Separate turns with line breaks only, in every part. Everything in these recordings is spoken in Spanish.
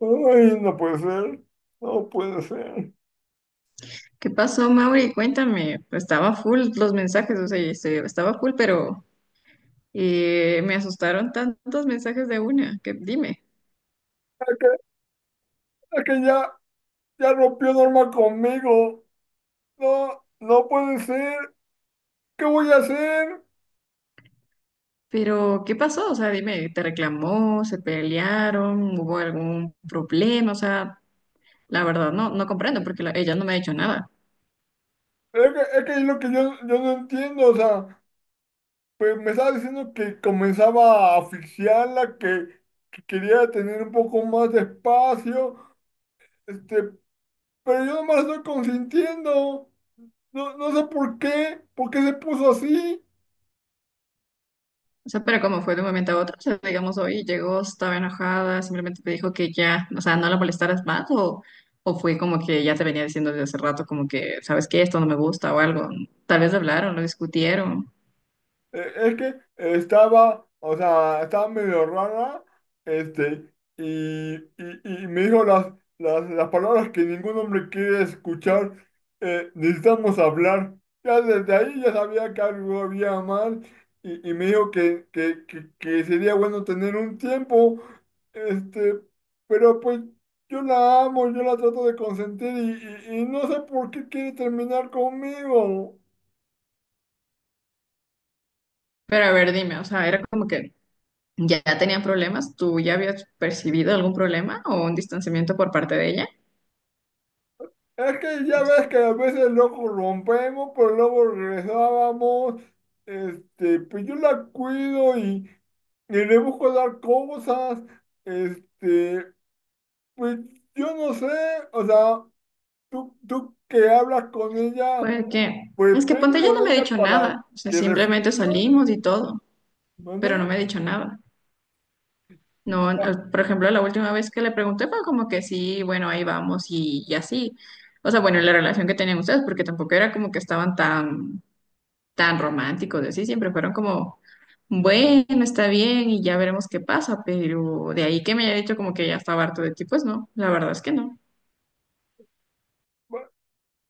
Ay, no puede ser, no puede ser.
¿Qué pasó, Mauri? Cuéntame. Pues estaba full los mensajes, o sea, estaba full, pero me asustaron tantos mensajes de una, que dime.
Es que, es que ya rompió Norma conmigo. No, no puede ser. ¿Qué voy a hacer?
Pero, ¿qué pasó? O sea, dime, ¿te reclamó? ¿Se pelearon? ¿Hubo algún problema? O sea, la verdad no comprendo porque ella no me ha dicho nada.
Es que es lo que yo no entiendo. O sea, pues me estaba diciendo que comenzaba a asfixiarla, que quería tener un poco más de espacio. Este, pero yo no me la estoy consintiendo. No, no sé por qué se puso así.
O sea, pero como fue de un momento a otro, o sea, digamos, hoy llegó, estaba enojada, simplemente te dijo que ya, o sea, no la molestaras más, o fue como que ya te venía diciendo desde hace rato, como que, ¿sabes qué? Esto no me gusta o algo. Tal vez hablaron, lo discutieron.
Es que estaba, o sea, estaba medio rara, y me dijo las palabras que ningún hombre quiere escuchar, necesitamos hablar. Ya desde ahí ya sabía que algo había mal, y me dijo que sería bueno tener un tiempo, este, pero pues yo la amo, yo la trato de consentir, y no sé por qué quiere terminar conmigo.
Pero a ver, dime, o sea, era como que ya tenían problemas, ¿tú ya habías percibido algún problema o un distanciamiento por parte de ella?
Es que ya ves que a veces lo rompemos, pero luego regresábamos. Pues yo la cuido y le busco dar cosas. Este, pues yo no sé, o sea, tú que hablas con ella,
Fue que,
pues
es que
ve
ponte, ya
con
no me ha
ella
dicho
para
nada, o sea,
que
simplemente salimos
reflexione,
y todo, pero
¿vale?
no me ha dicho nada. No, por ejemplo, la última vez que le pregunté fue como que sí, bueno, ahí vamos y así. O sea, bueno, la relación que tenían ustedes, porque tampoco era como que estaban tan, tan románticos, y así, siempre fueron como, bueno, está bien y ya veremos qué pasa, pero de ahí que me haya dicho como que ya estaba harto de ti, pues no, la verdad es que no.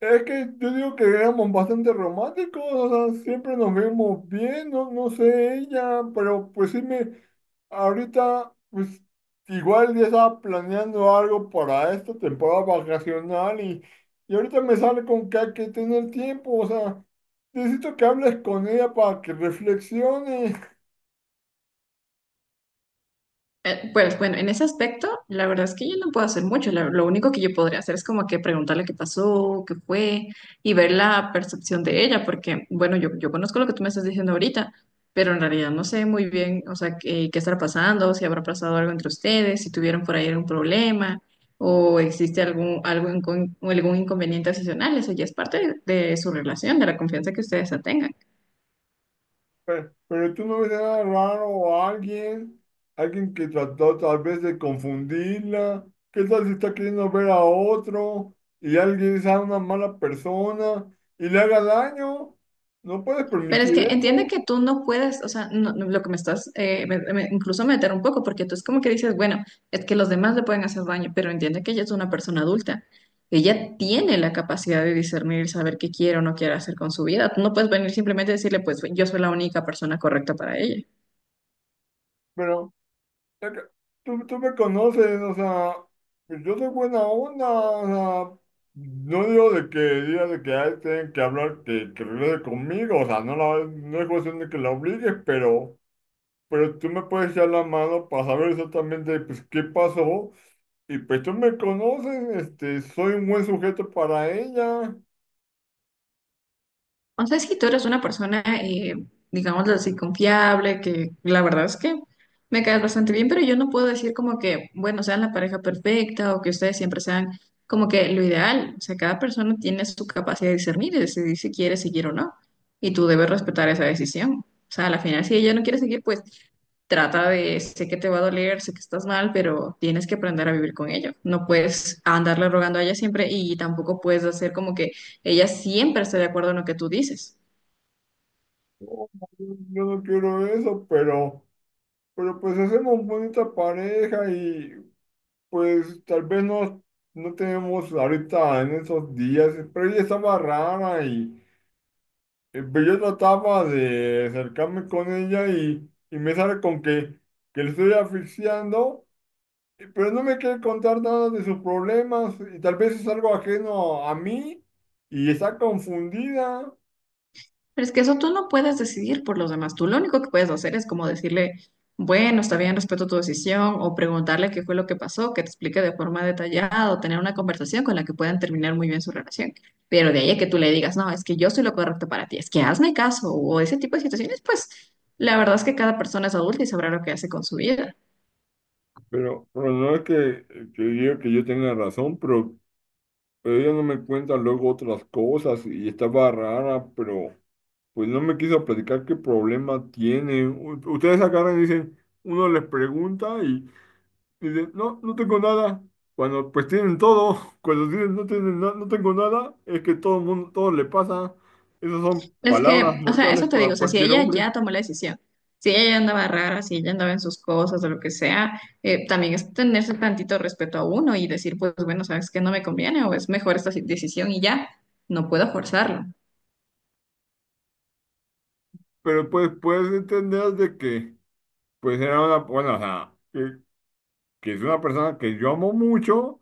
Es que yo digo que éramos bastante románticos, o sea, siempre nos vemos bien, no, no sé ella, pero pues sí me. Ahorita, pues, igual ya estaba planeando algo para esta temporada vacacional y ahorita me sale con que hay que tener tiempo, o sea, necesito que hables con ella para que reflexione.
Pues bueno, en ese aspecto, la verdad es que yo no puedo hacer mucho. Lo único que yo podría hacer es como que preguntarle qué pasó, qué fue y ver la percepción de ella, porque bueno, yo conozco lo que tú me estás diciendo ahorita, pero en realidad no sé muy bien, o sea, qué estará pasando, si habrá pasado algo entre ustedes, si tuvieron por ahí algún problema o existe algo incon- o algún inconveniente adicional. Eso ya es parte de su relación, de la confianza que ustedes ya tengan.
Pero tú no ves nada raro o alguien, alguien que trató tal vez de confundirla. ¿Qué tal si está queriendo ver a otro y alguien sea una mala persona y le haga daño? No puedes
Pero es
permitir
que entiende
eso,
que tú no puedes, o sea, lo que me estás, incluso meter un poco, porque tú es como que dices, bueno, es que los demás le pueden hacer daño, pero entiende que ella es una persona adulta. Ella tiene la capacidad de discernir, saber qué quiere o no quiere hacer con su vida. Tú no puedes venir simplemente a decirle, pues yo soy la única persona correcta para ella.
pero es que tú me conoces, o sea, pues yo soy buena onda, o sea, no digo de que diga de que ay, tienen que hablar, que regrese conmigo, o sea, no, la, no es cuestión de que la obligues, pero tú me puedes echar la mano para saber exactamente, pues, qué pasó, y pues tú me conoces, soy un buen sujeto para ella.
O sea, si tú eres una persona, digámoslo así, confiable, que la verdad es que me caes bastante bien, pero yo no puedo decir como que, bueno, sean la pareja perfecta o que ustedes siempre sean como que lo ideal. O sea, cada persona tiene su capacidad de discernir y decidir si quiere seguir o no. Y tú debes respetar esa decisión. O sea, a la final, si ella no quiere seguir, pues trata de, sé que te va a doler, sé que estás mal, pero tienes que aprender a vivir con ello. No puedes andarle rogando a ella siempre y tampoco puedes hacer como que ella siempre está de acuerdo en lo que tú dices.
No, yo no quiero eso, pero pues hacemos bonita pareja y pues tal vez no, no tenemos ahorita en esos días, pero ella estaba rara y pero yo trataba de acercarme con ella y me sale con que le estoy asfixiando, pero no me quiere contar nada de sus problemas y tal vez es algo ajeno a mí y está confundida.
Pero es que eso tú no puedes decidir por los demás. Tú lo único que puedes hacer es como decirle, bueno, está bien, respeto tu decisión, o preguntarle qué fue lo que pasó, que te explique de forma detallada, o tener una conversación con la que puedan terminar muy bien su relación. Pero de ahí a que tú le digas, no, es que yo soy lo correcto para ti, es que hazme caso, o ese tipo de situaciones, pues la verdad es que cada persona es adulta y sabrá lo que hace con su vida.
Pero no es que diga que yo tenga razón, pero ella no me cuenta luego otras cosas y estaba rara, pero pues no me quiso platicar qué problema tiene. U- Ustedes agarran y dicen, uno les pregunta y dicen, no, no tengo nada. Cuando pues tienen todo, cuando dicen no tienen na- no tengo nada, es que todo el mundo, todo le pasa. Esas son
Es
palabras
que, o sea, eso
mortales
te digo,
para
o sea, si
cualquier
ella
hombre.
ya tomó la decisión, si ella ya andaba rara, si ella andaba en sus cosas o lo que sea, también es tenerse tantito respeto a uno y decir, pues bueno, sabes que no me conviene o es mejor esta decisión y ya, no puedo forzarlo.
Pero pues puedes entender de que pues era una, bueno, o sea, que es una persona que yo amo mucho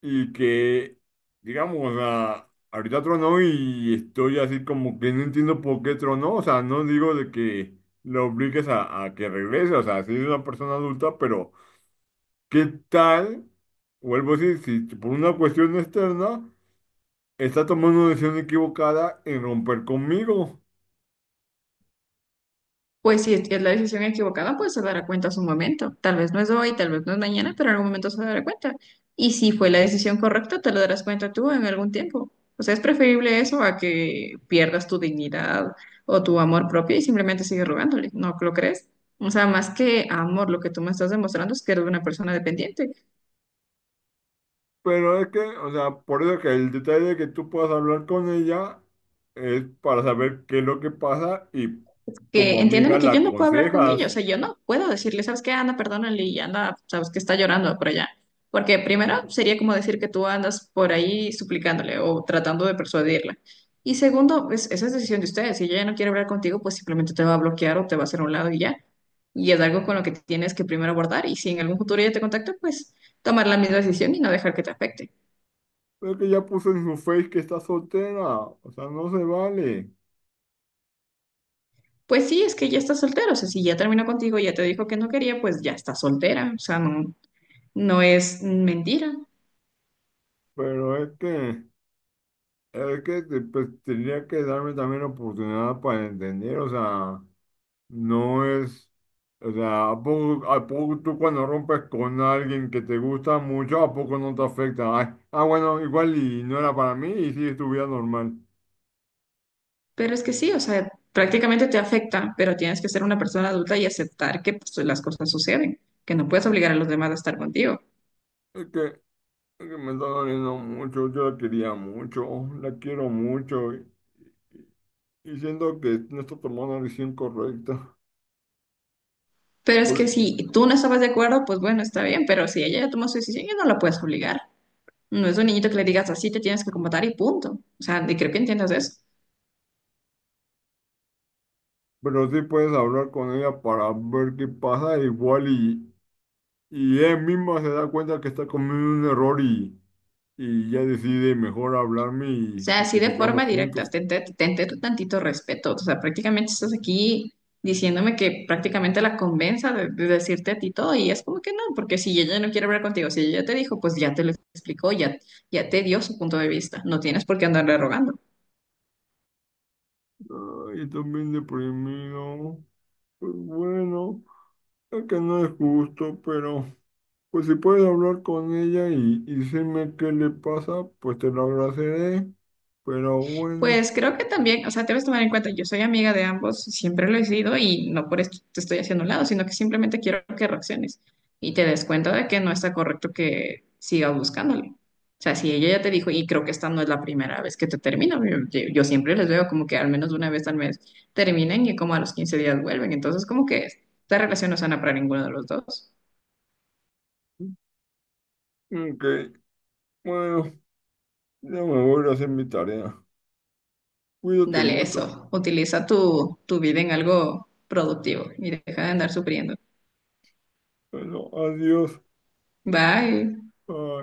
y que, digamos, o sea, ahorita tronó y estoy así como que no entiendo por qué tronó, o sea, no digo de que lo obligues a que regrese, o sea, si es una persona adulta, pero ¿qué tal? Vuelvo a decir, si por una cuestión externa está tomando una decisión equivocada en romper conmigo,
Pues si es la decisión equivocada, pues se dará cuenta a su momento. Tal vez no es hoy, tal vez no es mañana, pero en algún momento se dará cuenta. Y si fue la decisión correcta, te lo darás cuenta tú en algún tiempo. O sea, es preferible eso a que pierdas tu dignidad o tu amor propio y simplemente sigues rogándole. ¿No lo crees? O sea, más que amor, lo que tú me estás demostrando es que eres una persona dependiente.
pero es que, o sea, por eso que el detalle de que tú puedas hablar con ella es para saber qué es lo que pasa y como
Que
amiga
entiéndeme que
la
yo no puedo hablar con ellos, o
aconsejas.
sea, yo no puedo decirle, ¿sabes qué? Anda perdónale y anda, sabes que está llorando por allá. Porque primero sería como decir que tú andas por ahí suplicándole o tratando de persuadirla. Y segundo, esa es decisión de ustedes. Si ella ya no quiere hablar contigo, pues simplemente te va a bloquear o te va a hacer a un lado y ya. Y es algo con lo que tienes que primero abordar. Y si en algún futuro ella te contacta, pues tomar la misma decisión y no dejar que te afecte.
Es que ya puso en su face que está soltera, o sea, no se vale.
Pues sí, es que ya está soltera. O sea, si ya terminó contigo, ya te dijo que no quería, pues ya está soltera. O sea, no, no es mentira,
Pero es que te- pues, tendría que darme también oportunidad para entender, o sea, no es, o sea, a poco tú cuando rompes con alguien que te gusta mucho, ¿a poco no te afecta? Ay, ah, bueno, igual y no era para mí y sigue tu vida normal.
pero es que sí, o sea, prácticamente te afecta, pero tienes que ser una persona adulta y aceptar que pues, las cosas suceden, que no puedes obligar a los demás a estar contigo.
Es que, es que me está doliendo mucho, yo la quería mucho, la quiero mucho y siento que no está tomando la decisión correcta.
Pero es que si tú no estabas de acuerdo, pues bueno, está bien, pero si ella ya tomó su decisión, ya no la puedes obligar. No es un niñito que le digas así, te tienes que comportar y punto. O sea, y creo que entiendas eso.
Pero sí puedes hablar con ella para ver qué pasa, igual y ella misma se da cuenta que está cometiendo un error y ya decide mejor hablarme
Sea,
y
así
que
de forma
sigamos
directa,
juntos.
tente tu tantito respeto. O sea, prácticamente estás aquí diciéndome que prácticamente la convenza de decirte a ti todo y es como que no, porque si ella no quiere hablar contigo, si ella ya te dijo, pues ya te lo explicó, ya, ya te dio su punto de vista. No tienes por qué andarle rogando.
Ay, también deprimido, pues bueno, es que no es justo, pero pues si puedes hablar con ella y decirme qué le pasa, pues te lo agradeceré, pero bueno,
Pues creo que también, o sea, debes tomar en cuenta, yo soy amiga de ambos, siempre lo he sido y no por esto te estoy haciendo a un lado, sino que simplemente quiero que reacciones y te des cuenta de que no está correcto que sigas buscándole. O sea, si ella ya te dijo, y creo que esta no es la primera vez que te termina, yo siempre les veo como que al menos una vez al mes terminen y como a los 15 días vuelven, entonces como que esta relación no es sana para ninguno de los dos.
ok, bueno, ya me voy a ir a hacer mi tarea. Cuídate
Dale
mucho.
eso, utiliza tu vida en algo productivo y deja de andar sufriendo.
Bueno, adiós.
Bye.
uh,